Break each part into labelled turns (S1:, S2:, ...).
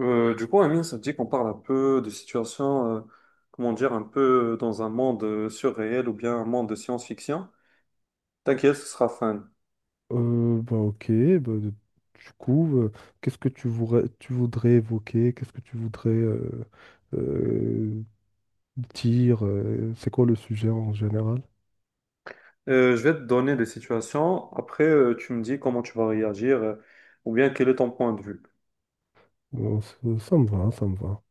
S1: Du coup, Amine, ça te dit qu'on parle un peu de situations, comment dire, un peu dans un monde surréel ou bien un monde de science-fiction. T'inquiète, ce sera fun.
S2: Ok, bah, du coup, euh, qu'est-ce que tu voudrais évoquer? Qu'est-ce que tu voudrais euh, dire? C'est quoi le sujet en général?
S1: Je vais te donner des situations. Après, tu me dis comment tu vas réagir, ou bien quel est ton point de vue.
S2: Bon, ça me va, ça me va.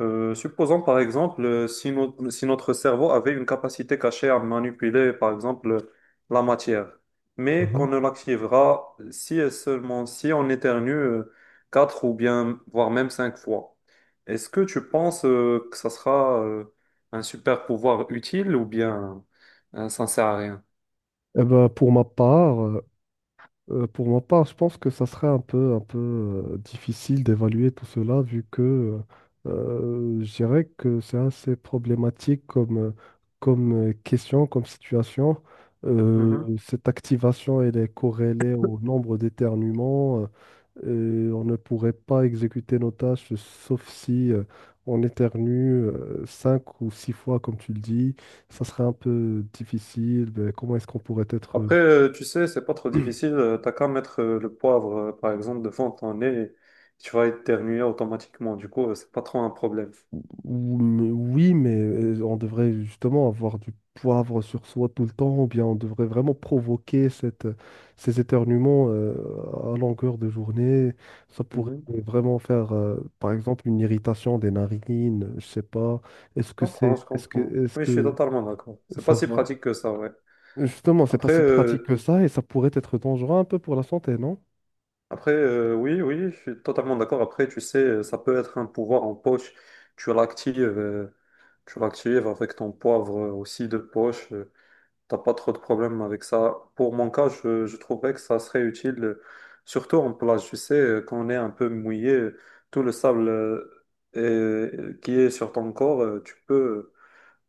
S1: Supposons par exemple si notre cerveau avait une capacité cachée à manipuler par exemple la matière, mais qu'on
S2: Mhm.
S1: ne l'activera si et seulement si on éternue quatre ou bien voire même cinq fois. Est-ce que tu penses que ça sera un super pouvoir utile ou bien ça ne sert à rien?
S2: Eh ben, pour ma part, je pense que ça serait un peu difficile d'évaluer tout cela, vu que euh, je dirais que c'est assez problématique comme, question, comme situation. Cette activation, elle est corrélée au nombre d'éternuements. Et on ne pourrait pas exécuter nos tâches, sauf si on éternue cinq ou six fois, comme tu le dis. Ça serait un peu difficile. Mais comment est-ce qu'on pourrait être…
S1: Après, tu sais, c'est pas trop difficile. T'as qu'à mettre le poivre, par exemple, devant ton nez, et tu vas éternuer automatiquement. Du coup, c'est pas trop un problème.
S2: Oui, mais on devrait justement avoir du poivre sur soi tout le temps, ou bien on devrait vraiment provoquer ces éternuements à longueur de journée. Ça pourrait
S1: Mhm.
S2: vraiment faire, par exemple, une irritation des narines, je sais pas.
S1: Je comprends, je comprends.
S2: Est-ce
S1: Oui, je suis
S2: que
S1: totalement d'accord. C'est pas
S2: ça
S1: si
S2: va?
S1: pratique que ça, ouais.
S2: Justement, c'est pas
S1: Après,
S2: si pratique que
S1: euh,
S2: ça, et ça pourrait être dangereux un peu pour la santé, non?
S1: après, oui, oui, je suis totalement d'accord. Après, tu sais, ça peut être un pouvoir en poche. Tu l'actives, euh, tu l'actives avec ton poivre aussi de poche. T'as pas trop de problèmes avec ça. Pour mon cas, je trouverais que ça serait utile, surtout en plage. Tu sais, quand on est un peu mouillé, tout le sable qui est sur ton corps,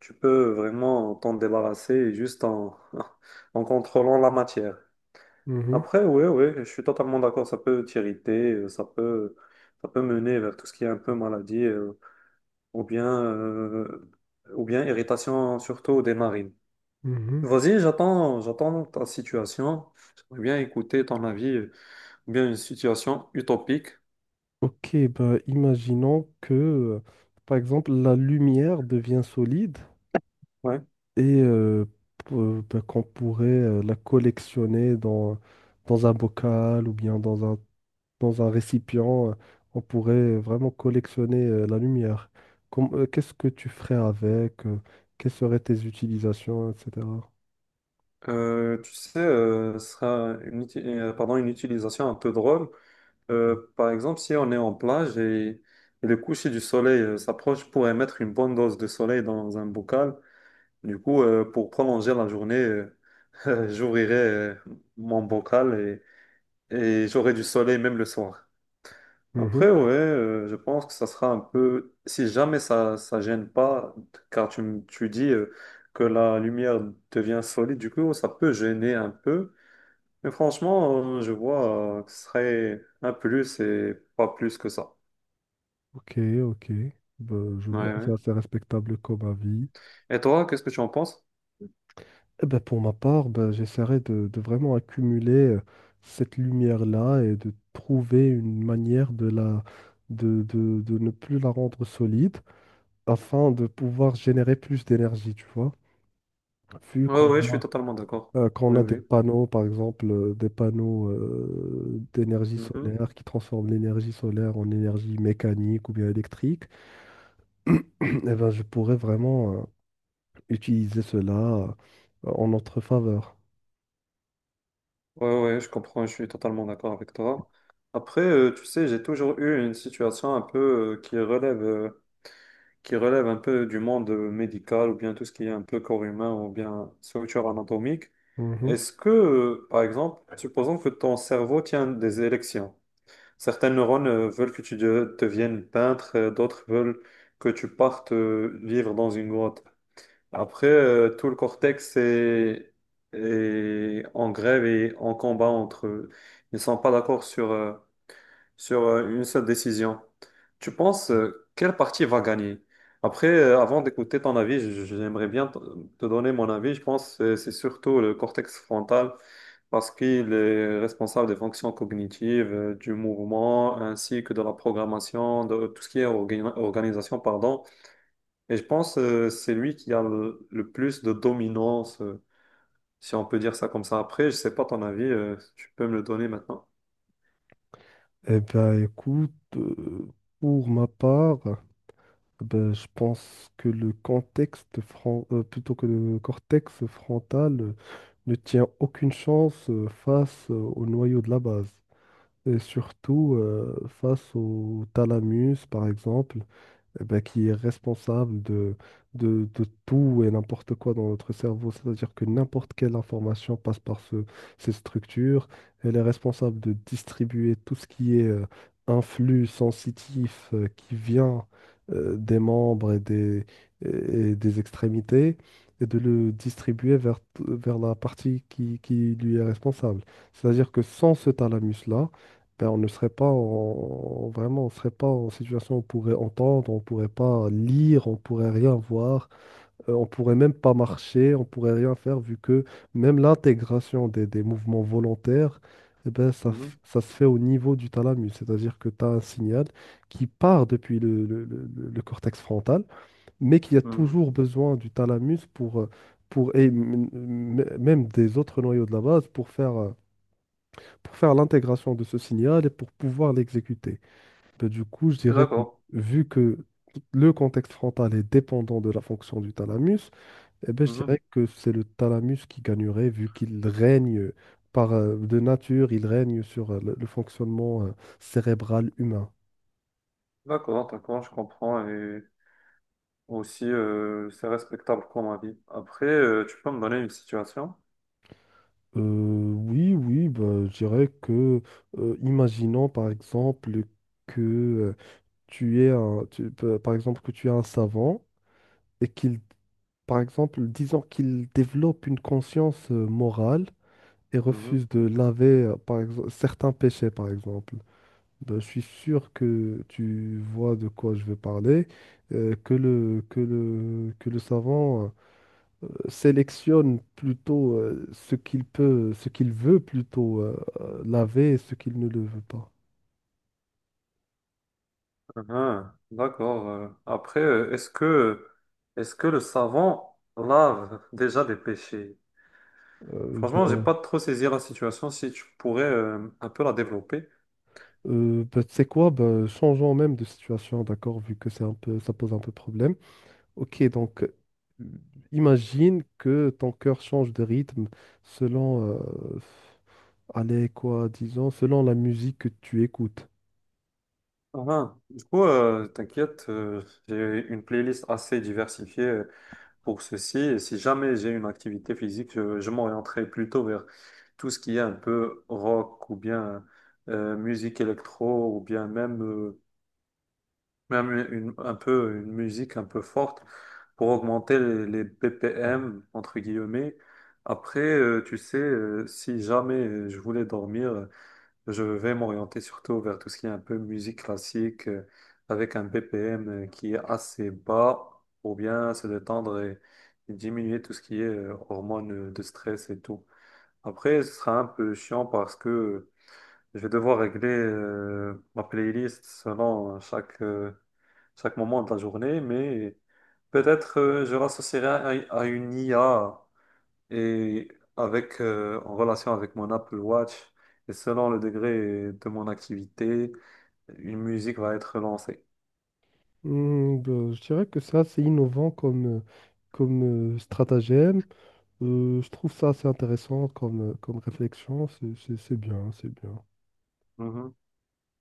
S1: tu peux vraiment t'en débarrasser juste en, en contrôlant la matière.
S2: Mhm,
S1: Après, oui, oui, je suis totalement d'accord. Ça peut t'irriter, ça peut mener vers tout ce qui est un peu maladie, ou bien, euh, ou bien irritation, surtout des narines.
S2: mhm.
S1: Vas-y, j'attends, j'attends ta situation. J'aimerais bien écouter ton avis, ou bien une situation utopique.
S2: Ok, bah, imaginons que, par exemple, la lumière devient solide
S1: Ouais.
S2: et ben, qu'on pourrait la collectionner dans un bocal ou bien dans un récipient. On pourrait vraiment collectionner la lumière. Qu'est-ce que tu ferais avec? Quelles seraient tes utilisations, etc.
S1: Tu sais, ce sera une, pardon, une utilisation un peu drôle. Par exemple, si on est en plage et le coucher du soleil s'approche, pourrait mettre une bonne dose de soleil dans un bocal. Du coup, pour prolonger la journée, j'ouvrirai mon bocal et j'aurai du soleil même le soir.
S2: Mhm.
S1: Après, ouais, je pense que ça sera un peu, si jamais ça gêne pas, car tu, tu dis que la lumière devient solide, du coup, ça peut gêner un peu. Mais franchement, je vois que ce serait un plus et pas plus que ça.
S2: Ok, ok. Ben, je
S1: Ouais,
S2: vois, c'est
S1: ouais.
S2: assez respectable comme avis.
S1: Et toi, qu'est-ce que tu en penses?
S2: Eh ben, pour ma part, ben, j'essaierai de vraiment accumuler cette lumière-là et de trouver une manière de de ne plus la rendre solide afin de pouvoir générer plus d'énergie, tu vois. Vu
S1: Ouais,
S2: qu'on
S1: ouais, je suis
S2: a,
S1: totalement d'accord.
S2: Qu'on
S1: Oui,
S2: a des
S1: oui.
S2: panneaux, par exemple, des panneaux d'énergie
S1: Mhm.
S2: solaire qui transforment l'énergie solaire en énergie mécanique ou bien électrique, eh ben, je pourrais vraiment utiliser cela euh, en notre faveur.
S1: Ouais, ouais, je comprends, je suis totalement d'accord avec toi. Après, tu sais, j'ai toujours eu une situation un peu qui relève un peu du monde médical ou bien tout ce qui est un peu corps humain ou bien structure anatomique. Est-ce que, par exemple, supposons que ton cerveau tient des élections. Certains neurones veulent que tu deviennes peintre, d'autres veulent que tu partes vivre dans une grotte. Après, tout le cortex est, est en grève et en combat entre eux. Ils ne sont pas d'accord sur une seule décision. Tu penses quelle partie va gagner? Après, avant d'écouter ton avis, j'aimerais bien te te donner mon avis. Je pense que c'est surtout le cortex frontal parce qu'il est responsable des fonctions cognitives, du mouvement, ainsi que de la programmation, de tout ce qui est organisation, pardon. Et je pense que c'est lui qui a le plus de dominance, si on peut dire ça comme ça. Après, je sais pas ton avis, tu peux me le donner maintenant.
S2: Eh bien, écoute, euh, pour ma part, ben, je pense que plutôt que le cortex frontal ne tient aucune chance face au noyau de la base, et surtout face au thalamus, par exemple, eh ben, qui est responsable de tout et n'importe quoi dans notre cerveau. C'est-à-dire que n'importe quelle information passe par ces structures. Elle est responsable de distribuer tout ce qui est un sensitif qui vient des membres et des extrémités et de le distribuer vers la partie qui lui est responsable. C'est-à-dire que sans ce thalamus-là, ben, on ne serait pas en- vraiment, on serait pas en situation où on pourrait entendre, on pourrait pas lire, on pourrait rien voir, on pourrait même pas marcher, on pourrait rien faire vu que même l'intégration des mouvements volontaires, eh ben,
S1: Mhm,
S2: ça se fait au niveau du thalamus, c'est-à-dire que tu as un signal qui part depuis le cortex frontal, mais qui a
S1: mhm.
S2: toujours besoin du thalamus pour et même des autres noyaux de la base pour faire l'intégration de ce signal et pour pouvoir l'exécuter. Ben, du coup, je dirais que
S1: D'accord.
S2: vu que le contexte frontal est dépendant de la fonction du thalamus, eh ben, je dirais que c'est le thalamus qui gagnerait vu qu'il règne par de nature, il règne sur le fonctionnement cérébral humain.
S1: D'accord, d'accord, je comprends. Et aussi, c'est respectable comme avis. Après, tu peux me donner une situation?
S2: Euh, oui, oui, ben, je dirais que, imaginons par exemple que tu es un, tu- pa- par exemple que tu es un savant et qu'il… Par exemple, disons qu'ils développent une conscience morale et
S1: Mhm.
S2: refusent de laver, par exemple, certains péchés, par exemple. Ben, je suis sûr que tu vois de quoi je veux parler, que le savant sélectionne plutôt ce qu'il veut plutôt laver et ce qu'il ne le veut pas.
S1: Mhm. D'accord. Après, est-ce que le savon lave déjà des péchés?
S2: Euh,
S1: Franchement, j'ai pas
S2: ben,
S1: trop saisi la situation. Si tu pourrais un peu la développer.
S2: ben, tu sais quoi, ben, changeons même de situation, d'accord, vu que c'est un peu, ça pose un peu problème. Ok, donc imagine que ton cœur change de rythme selon, allez, quoi, disons, selon la musique que tu écoutes.
S1: Mhm. Du coup, t'inquiète, j'ai une playlist assez diversifiée. Pour ceci. Et si jamais j'ai une activité physique, je m'orienterai plutôt vers tout ce qui est un peu rock ou bien musique électro ou bien même, même une, un peu, une musique un peu forte pour augmenter les BPM, entre guillemets. Après, tu sais, si jamais je voulais dormir, je vais m'orienter surtout vers tout ce qui est un peu musique classique, avec un BPM qui est assez bas, pour bien se détendre et diminuer tout ce qui est hormones de stress et tout. Après, ce sera un peu chiant parce que je vais devoir régler ma playlist selon chaque, chaque moment de la journée, mais peut-être je l'associerai à une IA et avec, en relation avec mon Apple Watch, et selon le degré de mon activité, une musique va être lancée.
S2: Hmm, ben, je dirais que ça, c'est innovant comme, stratagème. Je trouve ça assez intéressant comme, comme réflexion. C'est bien, c'est bien.
S1: Mhm.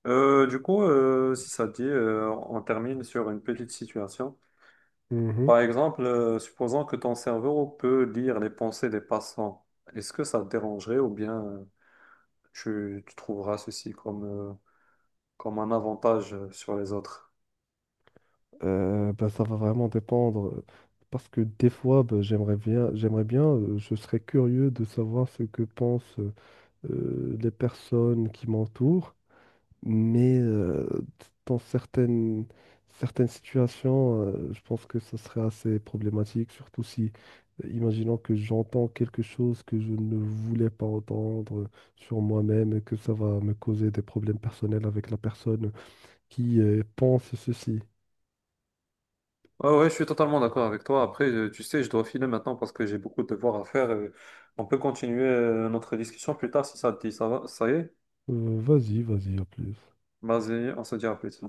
S1: Du coup, si ça te dit, on termine sur une petite situation.
S2: Mhm.
S1: Par exemple, supposons que ton cerveau peut lire les pensées des passants. Est-ce que ça te dérangerait ou bien tu, tu trouveras ceci comme, comme un avantage sur les autres?
S2: Ben, ça va vraiment dépendre. Parce que des fois, ben, j'aimerais bien, je serais curieux de savoir ce que pense. Les personnes qui m'entourent, mais dans certaines situations, je pense que ce serait assez problématique, surtout si, imaginons que j'entends quelque chose que je ne voulais pas entendre sur moi-même et que ça va me causer des problèmes personnels avec la personne qui pense ceci.
S1: Ouais, ouais, je suis totalement d'accord avec toi. Après, tu sais, je dois filer maintenant parce que j'ai beaucoup de devoirs à faire. On peut continuer notre discussion plus tard si ça te dit. Ça va, ça y est?
S2: Vas-y, vas-y, à plus.
S1: Vas-y, on se dit à plus.